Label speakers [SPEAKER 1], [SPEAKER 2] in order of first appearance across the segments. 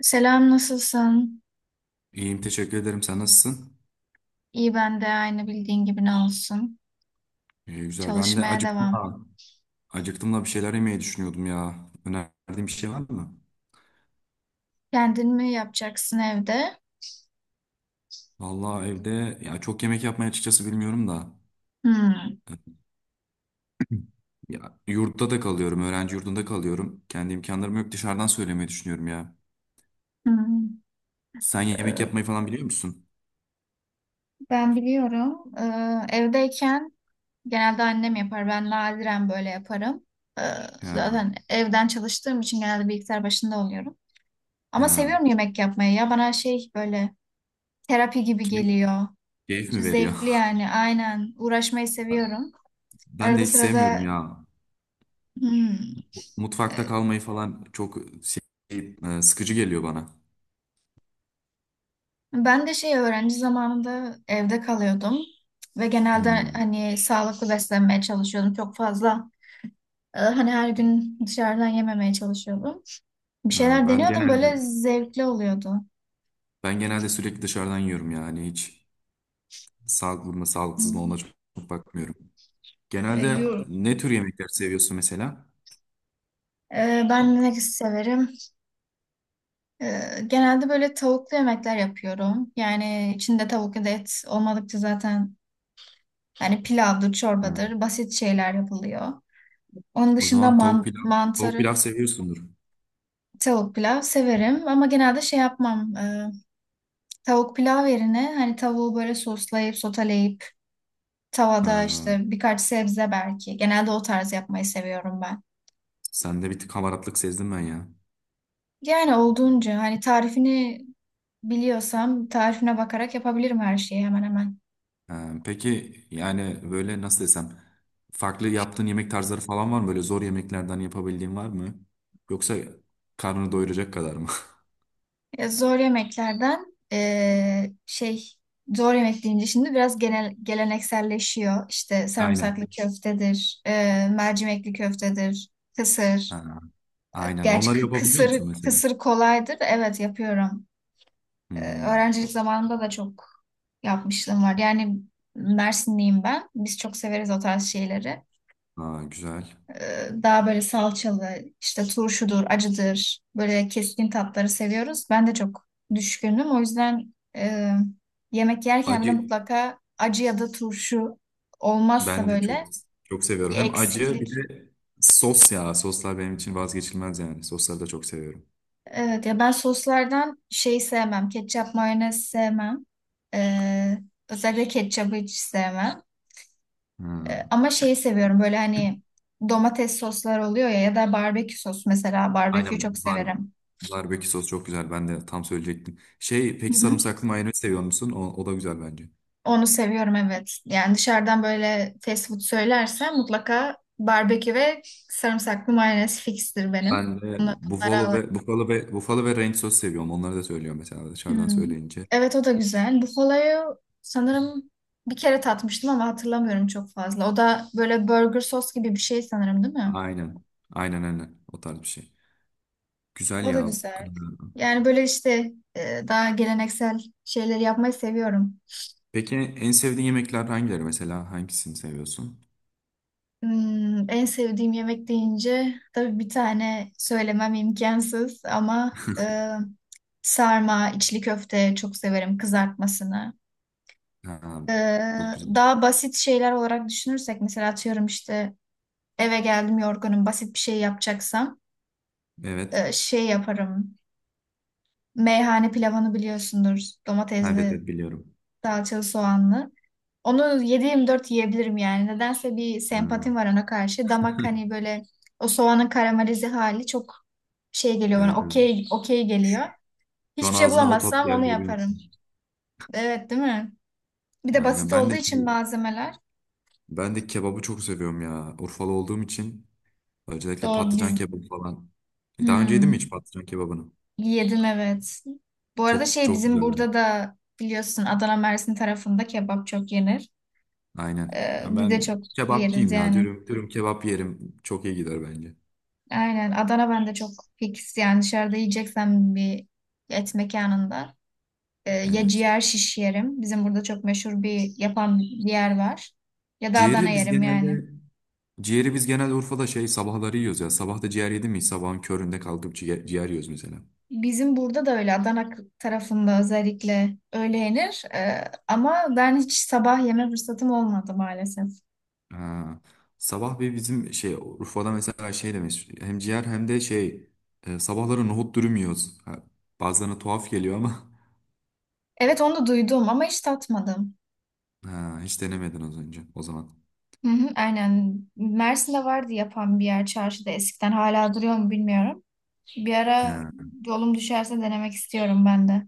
[SPEAKER 1] Selam, nasılsın?
[SPEAKER 2] İyiyim teşekkür ederim. Sen nasılsın?
[SPEAKER 1] İyi ben de aynı bildiğin gibi ne olsun.
[SPEAKER 2] İyi, güzel. Ben de
[SPEAKER 1] Çalışmaya
[SPEAKER 2] acıktım
[SPEAKER 1] devam.
[SPEAKER 2] da, acıktım da bir şeyler yemeyi düşünüyordum ya. Önerdiğin bir şey var mı?
[SPEAKER 1] Kendin mi yapacaksın evde?
[SPEAKER 2] Vallahi evde ya çok yemek yapmayı açıkçası bilmiyorum da.
[SPEAKER 1] Hmm.
[SPEAKER 2] Ya, yurtta da kalıyorum. Öğrenci yurdunda kalıyorum. Kendi imkanlarım yok. Dışarıdan söylemeyi düşünüyorum ya.
[SPEAKER 1] Hmm.
[SPEAKER 2] Sen yemek
[SPEAKER 1] Ee,
[SPEAKER 2] yapmayı falan biliyor musun?
[SPEAKER 1] Ben biliyorum. Evdeyken genelde annem yapar. Ben nadiren böyle yaparım. Ee,
[SPEAKER 2] Ha,
[SPEAKER 1] zaten evden çalıştığım için genelde bilgisayar başında oluyorum. Ama
[SPEAKER 2] ha.
[SPEAKER 1] seviyorum yemek yapmayı. Ya bana şey böyle terapi gibi
[SPEAKER 2] Keyif,
[SPEAKER 1] geliyor.
[SPEAKER 2] keyif mi
[SPEAKER 1] Zevkli
[SPEAKER 2] veriyor?
[SPEAKER 1] yani aynen. Uğraşmayı seviyorum.
[SPEAKER 2] Ben de
[SPEAKER 1] Arada
[SPEAKER 2] hiç sevmiyorum
[SPEAKER 1] sırada.
[SPEAKER 2] ya.
[SPEAKER 1] hmm,
[SPEAKER 2] Mutfakta
[SPEAKER 1] e,
[SPEAKER 2] kalmayı falan çok sıkıcı geliyor bana.
[SPEAKER 1] Ben de şey öğrenci zamanında evde kalıyordum ve genelde
[SPEAKER 2] Hmm.
[SPEAKER 1] hani sağlıklı beslenmeye çalışıyordum. Çok fazla hani her gün dışarıdan yememeye çalışıyordum. Bir
[SPEAKER 2] Ha,
[SPEAKER 1] şeyler
[SPEAKER 2] ben
[SPEAKER 1] deniyordum,
[SPEAKER 2] genelde
[SPEAKER 1] böyle zevkli oluyordu.
[SPEAKER 2] Ben genelde sürekli dışarıdan yiyorum yani hiç sağlıklı mı sağlıksız mı ona
[SPEAKER 1] Hmm.
[SPEAKER 2] çok bakmıyorum.
[SPEAKER 1] E,
[SPEAKER 2] Genelde
[SPEAKER 1] yu-
[SPEAKER 2] ne tür yemekler seviyorsun mesela?
[SPEAKER 1] ben ne severim? E, genelde böyle tavuklu yemekler yapıyorum. Yani içinde tavuk ya da et olmadıkça zaten hani pilavdır,
[SPEAKER 2] Ha.
[SPEAKER 1] çorbadır, basit şeyler yapılıyor. Onun
[SPEAKER 2] O
[SPEAKER 1] dışında
[SPEAKER 2] zaman
[SPEAKER 1] man
[SPEAKER 2] tavuk
[SPEAKER 1] mantarı.
[SPEAKER 2] pilav seviyorsundur.
[SPEAKER 1] Tavuk pilav severim ama genelde şey yapmam. Tavuk pilav yerine hani tavuğu böyle soslayıp soteleyip tavada
[SPEAKER 2] Ha,
[SPEAKER 1] işte birkaç sebze belki. Genelde o tarz yapmayı seviyorum ben.
[SPEAKER 2] sende bir tık hamaratlık sezdim ben ya.
[SPEAKER 1] Yani olduğunca hani tarifini biliyorsam tarifine bakarak yapabilirim her şeyi hemen hemen.
[SPEAKER 2] Ha, peki yani böyle nasıl desem farklı yaptığın yemek tarzları falan var mı? Böyle zor yemeklerden yapabildiğin var mı? Yoksa karnını doyuracak kadar mı?
[SPEAKER 1] Zor yemeklerden zor yemek deyince şimdi biraz genel gelenekselleşiyor. İşte sarımsaklı
[SPEAKER 2] Aynen.
[SPEAKER 1] köftedir, mercimekli köftedir, kısır.
[SPEAKER 2] Ha, aynen.
[SPEAKER 1] Gerçi
[SPEAKER 2] Onları
[SPEAKER 1] kı-
[SPEAKER 2] yapabiliyor
[SPEAKER 1] kısır,
[SPEAKER 2] musun mesela?
[SPEAKER 1] kısır kolaydır. Evet, yapıyorum. Ee,
[SPEAKER 2] Hmm.
[SPEAKER 1] öğrencilik zamanımda da çok yapmışlığım var. Yani Mersinliyim ben. Biz çok severiz o tarz şeyleri.
[SPEAKER 2] Ha, güzel.
[SPEAKER 1] Daha böyle salçalı, işte turşudur, acıdır. Böyle keskin tatları seviyoruz. Ben de çok düşkünüm. O yüzden yemek yerken bile
[SPEAKER 2] Acı
[SPEAKER 1] mutlaka acı ya da turşu olmazsa
[SPEAKER 2] Ben de
[SPEAKER 1] böyle
[SPEAKER 2] çok
[SPEAKER 1] bir
[SPEAKER 2] seviyorum. Hem acı bir
[SPEAKER 1] eksiklik.
[SPEAKER 2] de sos ya. Soslar benim için vazgeçilmez yani. Sosları da çok seviyorum.
[SPEAKER 1] Evet ya, ben soslardan şeyi sevmem. Ketçap, mayonez sevmem. Ee, özellikle ketçabı hiç sevmem.
[SPEAKER 2] Hmm.
[SPEAKER 1] Ama şeyi seviyorum, böyle hani domates soslar oluyor ya ya da barbekü sos mesela. Barbeküyü çok
[SPEAKER 2] Aynen bar
[SPEAKER 1] severim.
[SPEAKER 2] barbekü sos çok güzel. Ben de tam söyleyecektim. Şey
[SPEAKER 1] Hı
[SPEAKER 2] peki
[SPEAKER 1] hı.
[SPEAKER 2] sarımsaklı mayonez seviyor musun? O da güzel bence.
[SPEAKER 1] Onu seviyorum, evet. Yani dışarıdan böyle fast food söylersem mutlaka barbekü ve sarımsaklı mayonez fikstir benim.
[SPEAKER 2] Ben de
[SPEAKER 1] Bunlar- Bunlara
[SPEAKER 2] buffalo ve ranch sos seviyorum. Onları da söylüyorum mesela dışarıdan
[SPEAKER 1] Hmm.
[SPEAKER 2] söyleyince.
[SPEAKER 1] Evet, o da güzel. Buffalo'yu sanırım bir kere tatmıştım ama hatırlamıyorum çok fazla. O da böyle burger sos gibi bir şey sanırım, değil mi?
[SPEAKER 2] Aynen. Aynen. O tarz bir şey. Güzel
[SPEAKER 1] O da
[SPEAKER 2] ya.
[SPEAKER 1] güzel. Yani böyle işte daha geleneksel şeyleri yapmayı seviyorum.
[SPEAKER 2] Peki en sevdiğin yemekler hangileri mesela? Hangisini seviyorsun?
[SPEAKER 1] En sevdiğim yemek deyince tabii bir tane söylemem imkansız ama sarma, içli köfte çok severim kızartmasını.
[SPEAKER 2] Ha,
[SPEAKER 1] E,
[SPEAKER 2] çok güzel.
[SPEAKER 1] daha basit şeyler olarak düşünürsek, mesela atıyorum işte eve geldim yorgunum. Basit bir şey yapacaksam
[SPEAKER 2] Evet.
[SPEAKER 1] şey yaparım. Meyhane pilavını biliyorsundur.
[SPEAKER 2] Ha, evet
[SPEAKER 1] Domatesli,
[SPEAKER 2] evet biliyorum.
[SPEAKER 1] salçalı, soğanlı. Onu 7-24 yiyebilirim yani. Nedense bir
[SPEAKER 2] Ha.
[SPEAKER 1] sempatim var ona karşı. Damak hani böyle o soğanın karamelize hali çok şey geliyor
[SPEAKER 2] Evet
[SPEAKER 1] bana.
[SPEAKER 2] evet.
[SPEAKER 1] Okey, okey geliyor.
[SPEAKER 2] Şu an
[SPEAKER 1] Hiçbir şey
[SPEAKER 2] ağzıma o tat
[SPEAKER 1] bulamazsam onu
[SPEAKER 2] geldi biliyor
[SPEAKER 1] yaparım.
[SPEAKER 2] musun?
[SPEAKER 1] Evet, değil mi? Bir de
[SPEAKER 2] Aynen
[SPEAKER 1] basit
[SPEAKER 2] ben
[SPEAKER 1] olduğu
[SPEAKER 2] de
[SPEAKER 1] için
[SPEAKER 2] şey,
[SPEAKER 1] malzemeler.
[SPEAKER 2] ben de kebabı çok seviyorum ya. Urfalı olduğum için özellikle
[SPEAKER 1] Doğru
[SPEAKER 2] patlıcan
[SPEAKER 1] biz.
[SPEAKER 2] kebabı falan. Daha önce yedin mi hiç
[SPEAKER 1] Hmm.
[SPEAKER 2] patlıcan kebabını?
[SPEAKER 1] Yedim, evet. Bu arada
[SPEAKER 2] Çok
[SPEAKER 1] şey
[SPEAKER 2] çok
[SPEAKER 1] bizim
[SPEAKER 2] güzel bence.
[SPEAKER 1] burada da biliyorsun Adana Mersin tarafında kebap çok yenir.
[SPEAKER 2] Aynen.
[SPEAKER 1] Ee,
[SPEAKER 2] Ya
[SPEAKER 1] biz de
[SPEAKER 2] ben
[SPEAKER 1] çok yeriz
[SPEAKER 2] kebapçıyım ya.
[SPEAKER 1] yani.
[SPEAKER 2] Dürüm kebap yerim. Çok iyi gider bence.
[SPEAKER 1] Aynen Adana, ben de çok fix yani dışarıda yiyeceksem bir et mekanında ya
[SPEAKER 2] Evet.
[SPEAKER 1] ciğer şiş yerim. Bizim burada çok meşhur bir yapan bir yer var. Ya da Adana
[SPEAKER 2] Ciğeri biz
[SPEAKER 1] yerim yani.
[SPEAKER 2] genelde ciğeri biz genelde Urfa'da şey sabahları yiyoruz ya. Sabah da ciğer yedin mi? Sabahın köründe kalkıp ciğer yiyoruz mesela.
[SPEAKER 1] Bizim burada da öyle Adana k- tarafında özellikle öyle yenir. Ama ben hiç sabah yeme fırsatım olmadı maalesef.
[SPEAKER 2] Ha. Sabah bir bizim şey Urfa'da mesela şey demiş hem ciğer hem de sabahları nohut dürüm yiyoruz. Ha, bazılarına tuhaf geliyor ama
[SPEAKER 1] Evet, onu da duydum ama hiç tatmadım.
[SPEAKER 2] ha, hiç denemedin az önce o zaman.
[SPEAKER 1] Hı hı, aynen. Mersin'de vardı yapan bir yer çarşıda eskiden. Hala duruyor mu bilmiyorum. Bir ara
[SPEAKER 2] Ha,
[SPEAKER 1] yolum düşerse denemek istiyorum ben de.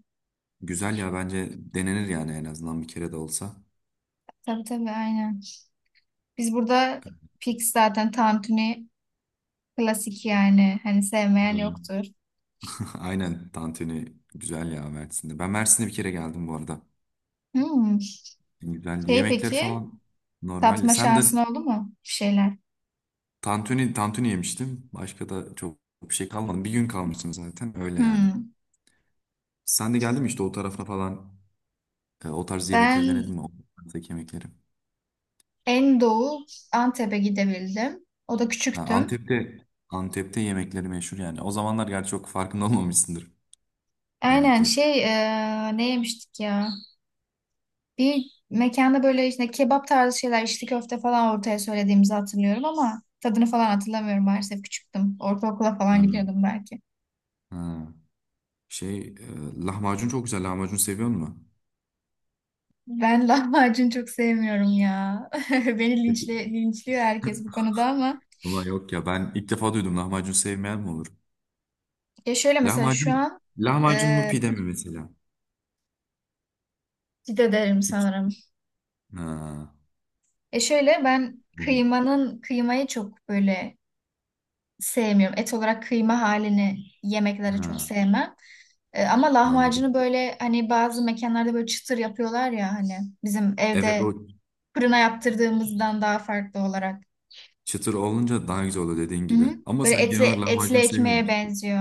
[SPEAKER 2] güzel ya bence denenir yani en azından bir kere de olsa.
[SPEAKER 1] Tabii tabii, aynen. Biz burada fix zaten tantuni klasik yani. Hani sevmeyen
[SPEAKER 2] Hmm.
[SPEAKER 1] yoktur.
[SPEAKER 2] Aynen tantuni güzel ya Mersin'de. Ben Mersin'e bir kere geldim bu arada.
[SPEAKER 1] Hmm.
[SPEAKER 2] Güzel
[SPEAKER 1] Şey
[SPEAKER 2] yemekler
[SPEAKER 1] peki
[SPEAKER 2] falan normal.
[SPEAKER 1] tatma
[SPEAKER 2] Sen de
[SPEAKER 1] şansın oldu mu bir şeyler?
[SPEAKER 2] tantuni yemiştim. Başka da çok bir şey kalmadı. Bir gün kalmıştım zaten öyle yani.
[SPEAKER 1] Hmm.
[SPEAKER 2] Sen de geldin mi işte o tarafa falan? O tarz yemekleri denedin
[SPEAKER 1] Ben
[SPEAKER 2] mi? O tarzdaki yemekleri.
[SPEAKER 1] en doğu Antep'e gidebildim. O da
[SPEAKER 2] Ha,
[SPEAKER 1] küçüktüm.
[SPEAKER 2] Antep'te yemekleri meşhur yani. O zamanlar gerçi çok farkında olmamışsındır
[SPEAKER 1] Aynen
[SPEAKER 2] yemekleri.
[SPEAKER 1] şey ne yemiştik ya? Bir mekanda böyle işte kebap tarzı şeyler, içli köfte falan ortaya söylediğimizi hatırlıyorum ama tadını falan hatırlamıyorum maalesef, küçüktüm. Ortaokula falan
[SPEAKER 2] Hmm.
[SPEAKER 1] gidiyordum belki.
[SPEAKER 2] Ha. Lahmacun çok güzel. Lahmacun seviyor musun?
[SPEAKER 1] Ben lahmacun çok sevmiyorum ya. Beni
[SPEAKER 2] Peki.
[SPEAKER 1] linçliyor herkes bu konuda ama.
[SPEAKER 2] Ama yok ya ben ilk defa duydum lahmacun sevmeyen mi olur?
[SPEAKER 1] Ya şöyle mesela şu
[SPEAKER 2] Lahmacun
[SPEAKER 1] an
[SPEAKER 2] lahmacun mu
[SPEAKER 1] e,
[SPEAKER 2] pide mi mesela?
[SPEAKER 1] ciddi ederim
[SPEAKER 2] İç-
[SPEAKER 1] sanırım.
[SPEAKER 2] Ha,
[SPEAKER 1] Şöyle ben
[SPEAKER 2] bu-
[SPEAKER 1] kıymayı çok böyle sevmiyorum. Et olarak kıyma halini yemeklere
[SPEAKER 2] ha,
[SPEAKER 1] çok sevmem. Ama
[SPEAKER 2] anladım.
[SPEAKER 1] lahmacunu böyle hani bazı mekanlarda böyle çıtır yapıyorlar ya hani bizim
[SPEAKER 2] Evet o
[SPEAKER 1] evde fırına yaptırdığımızdan daha farklı olarak.
[SPEAKER 2] çıtır olunca daha güzel oluyor dediğin
[SPEAKER 1] Hı
[SPEAKER 2] gibi.
[SPEAKER 1] hı.
[SPEAKER 2] Ama
[SPEAKER 1] Böyle
[SPEAKER 2] sen genel
[SPEAKER 1] etli
[SPEAKER 2] olarak
[SPEAKER 1] etli
[SPEAKER 2] lahmacun
[SPEAKER 1] ekmeğe
[SPEAKER 2] sevmiyorsun.
[SPEAKER 1] benziyor.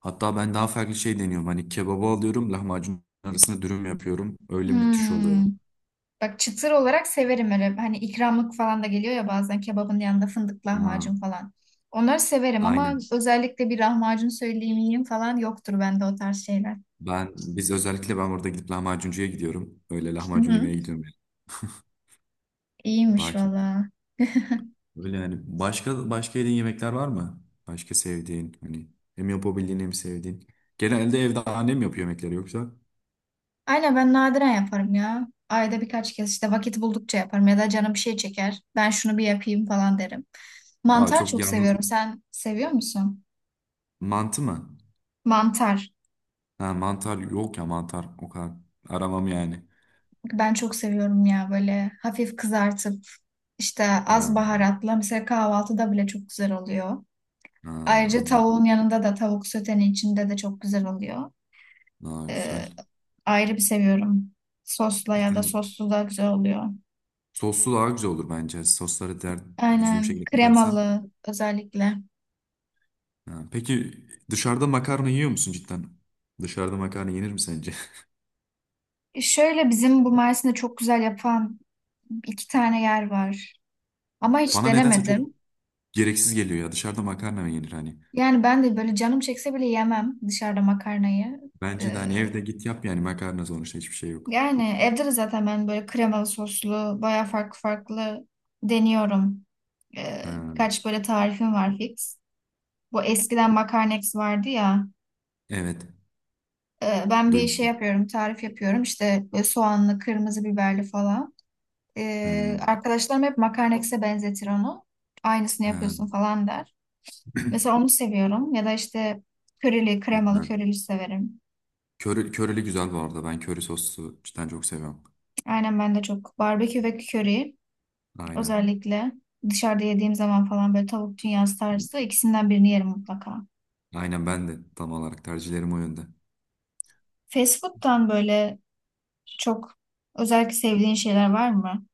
[SPEAKER 2] Hatta ben daha farklı şey deniyorum. Hani kebabı alıyorum, lahmacun arasına dürüm yapıyorum. Öyle müthiş
[SPEAKER 1] Hmm.
[SPEAKER 2] oluyor.
[SPEAKER 1] Bak, çıtır olarak severim öyle. Hani ikramlık falan da geliyor ya bazen kebabın yanında fındık
[SPEAKER 2] Ha,
[SPEAKER 1] lahmacun falan. Onları severim ama
[SPEAKER 2] aynen.
[SPEAKER 1] özellikle bir lahmacun söyleyeyim yiyeyim falan yoktur bende o tarz şeyler.
[SPEAKER 2] Biz özellikle ben orada gidip lahmacuncuya gidiyorum. Öyle
[SPEAKER 1] Hı
[SPEAKER 2] lahmacun
[SPEAKER 1] hı.
[SPEAKER 2] yemeye gidiyorum yani. Daha
[SPEAKER 1] İyiymiş
[SPEAKER 2] ki
[SPEAKER 1] valla.
[SPEAKER 2] öyle yani. Başka yediğin yemekler var mı? Başka sevdiğin hani hem yapabildiğin hem sevdiğin. Genelde evde annem yapıyor yemekleri yoksa
[SPEAKER 1] Aynen, ben nadiren yaparım ya. Ayda birkaç kez işte vakit buldukça yaparım ya da canım bir şey çeker. Ben şunu bir yapayım falan derim.
[SPEAKER 2] daha
[SPEAKER 1] Mantar
[SPEAKER 2] çok
[SPEAKER 1] çok
[SPEAKER 2] yalnız
[SPEAKER 1] seviyorum. Sen seviyor musun?
[SPEAKER 2] mantı mı?
[SPEAKER 1] Mantar.
[SPEAKER 2] Ha, mantar yok ya mantar o kadar aramam yani.
[SPEAKER 1] Ben çok seviyorum ya, böyle hafif kızartıp işte az
[SPEAKER 2] Ha,
[SPEAKER 1] baharatla mesela kahvaltıda bile çok güzel oluyor.
[SPEAKER 2] ha,
[SPEAKER 1] Ayrıca
[SPEAKER 2] anladım.
[SPEAKER 1] tavuğun yanında da tavuk sötenin içinde de çok güzel oluyor.
[SPEAKER 2] Daha
[SPEAKER 1] Ee,
[SPEAKER 2] güzel.
[SPEAKER 1] ayrı bir seviyorum. Sosla ya da sossuz da güzel oluyor.
[SPEAKER 2] Soslu daha güzel olur bence. Düzgün bir
[SPEAKER 1] Aynen,
[SPEAKER 2] şekilde katarsan.
[SPEAKER 1] kremalı özellikle.
[SPEAKER 2] Ha, peki dışarıda makarna yiyor musun cidden? Dışarıda makarna yenir mi sence?
[SPEAKER 1] Şöyle bizim bu Mersin'de çok güzel yapan iki tane yer var. Ama hiç
[SPEAKER 2] Bana nedense çok
[SPEAKER 1] denemedim.
[SPEAKER 2] gereksiz geliyor ya. Dışarıda makarna mı yenir hani?
[SPEAKER 1] Yani ben de böyle canım çekse bile yemem dışarıda makarnayı.
[SPEAKER 2] Bence de
[SPEAKER 1] Ee,
[SPEAKER 2] hani evde git yap yani makarna sonuçta hiçbir şey yok.
[SPEAKER 1] yani evde de zaten ben böyle kremalı soslu baya farklı farklı deniyorum. Ee,
[SPEAKER 2] Ha,
[SPEAKER 1] birkaç böyle tarifim var fix. Bu eskiden Makarnex vardı ya.
[SPEAKER 2] evet.
[SPEAKER 1] Ben bir şey
[SPEAKER 2] Duymuştum.
[SPEAKER 1] yapıyorum, tarif yapıyorum. İşte böyle soğanlı, kırmızı biberli falan. Ee,
[SPEAKER 2] Hmm,
[SPEAKER 1] arkadaşlarım hep Makarnex'e benzetir onu. Aynısını
[SPEAKER 2] ha.
[SPEAKER 1] yapıyorsun falan der. Mesela onu seviyorum. Ya da işte körili, kremalı
[SPEAKER 2] Güzel.
[SPEAKER 1] körili severim.
[SPEAKER 2] Körili güzel bu arada. Ben köri soslu cidden çok seviyorum.
[SPEAKER 1] Aynen, ben de çok. Barbekü ve köri
[SPEAKER 2] Aynen.
[SPEAKER 1] özellikle dışarıda yediğim zaman falan böyle tavuk dünyası tarzı ikisinden birini yerim mutlaka.
[SPEAKER 2] Aynen ben de tam olarak tercihlerim o yönde.
[SPEAKER 1] Fast food'tan böyle çok özellikle sevdiğin şeyler var mı?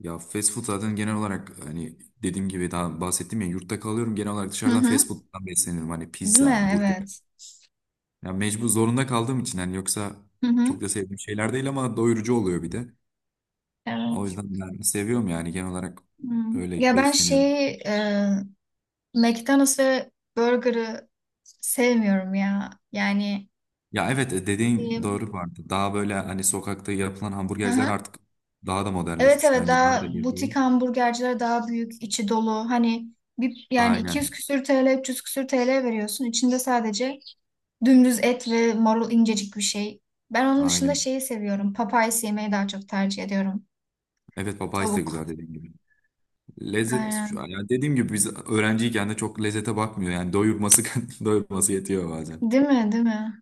[SPEAKER 2] Ya fast food zaten genel olarak hani dediğim gibi daha bahsettim ya yurtta kalıyorum genel olarak
[SPEAKER 1] Hı
[SPEAKER 2] dışarıdan fast
[SPEAKER 1] hı.
[SPEAKER 2] food'dan besleniyorum hani
[SPEAKER 1] Değil mi?
[SPEAKER 2] pizza, burger.
[SPEAKER 1] Evet.
[SPEAKER 2] Ya mecbur zorunda kaldığım için hani yoksa
[SPEAKER 1] Hı
[SPEAKER 2] çok
[SPEAKER 1] hı.
[SPEAKER 2] da sevdiğim şeyler değil ama doyurucu oluyor bir de. O
[SPEAKER 1] Evet.
[SPEAKER 2] yüzden ben seviyorum yani genel olarak
[SPEAKER 1] Hmm.
[SPEAKER 2] öyle
[SPEAKER 1] Ya ben
[SPEAKER 2] besleniyorum.
[SPEAKER 1] şeyi McDonald's ve Burger'ı sevmiyorum ya. Yani
[SPEAKER 2] Dediğin
[SPEAKER 1] diyeyim.
[SPEAKER 2] doğru vardı. Daha böyle hani sokakta yapılan
[SPEAKER 1] Hı
[SPEAKER 2] hamburgerciler
[SPEAKER 1] hı.
[SPEAKER 2] artık daha da
[SPEAKER 1] Evet
[SPEAKER 2] modernleşmiş
[SPEAKER 1] evet,
[SPEAKER 2] bence daha da
[SPEAKER 1] daha
[SPEAKER 2] yapıyor.
[SPEAKER 1] butik hamburgerciler daha büyük, içi dolu. Hani bir yani 200
[SPEAKER 2] Aynen.
[SPEAKER 1] küsür TL, 300 küsür TL veriyorsun. İçinde sadece dümdüz et ve marul incecik bir şey. Ben onun dışında
[SPEAKER 2] Aynen.
[SPEAKER 1] şeyi seviyorum. Papayas yemeyi daha çok tercih ediyorum.
[SPEAKER 2] Evet Popeyes de
[SPEAKER 1] Tavuk.
[SPEAKER 2] güzel dediğin gibi. Lezzet şu an
[SPEAKER 1] Aynen.
[SPEAKER 2] yani dediğim gibi biz öğrenciyken de çok lezzete bakmıyor yani doyurması doyurması yetiyor bazen.
[SPEAKER 1] Değil mi? Değil mi?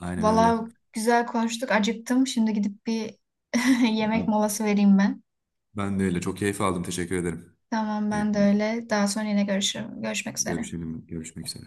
[SPEAKER 2] Aynen öyle.
[SPEAKER 1] Valla, güzel konuştuk. Acıktım. Şimdi gidip bir yemek
[SPEAKER 2] Ben,
[SPEAKER 1] molası vereyim ben.
[SPEAKER 2] ben de öyle çok keyif aldım teşekkür ederim.
[SPEAKER 1] Tamam, ben de
[SPEAKER 2] Keyifli.
[SPEAKER 1] öyle. Daha sonra yine görüşürüm. Görüşmek üzere.
[SPEAKER 2] Görüşelim görüşmek üzere.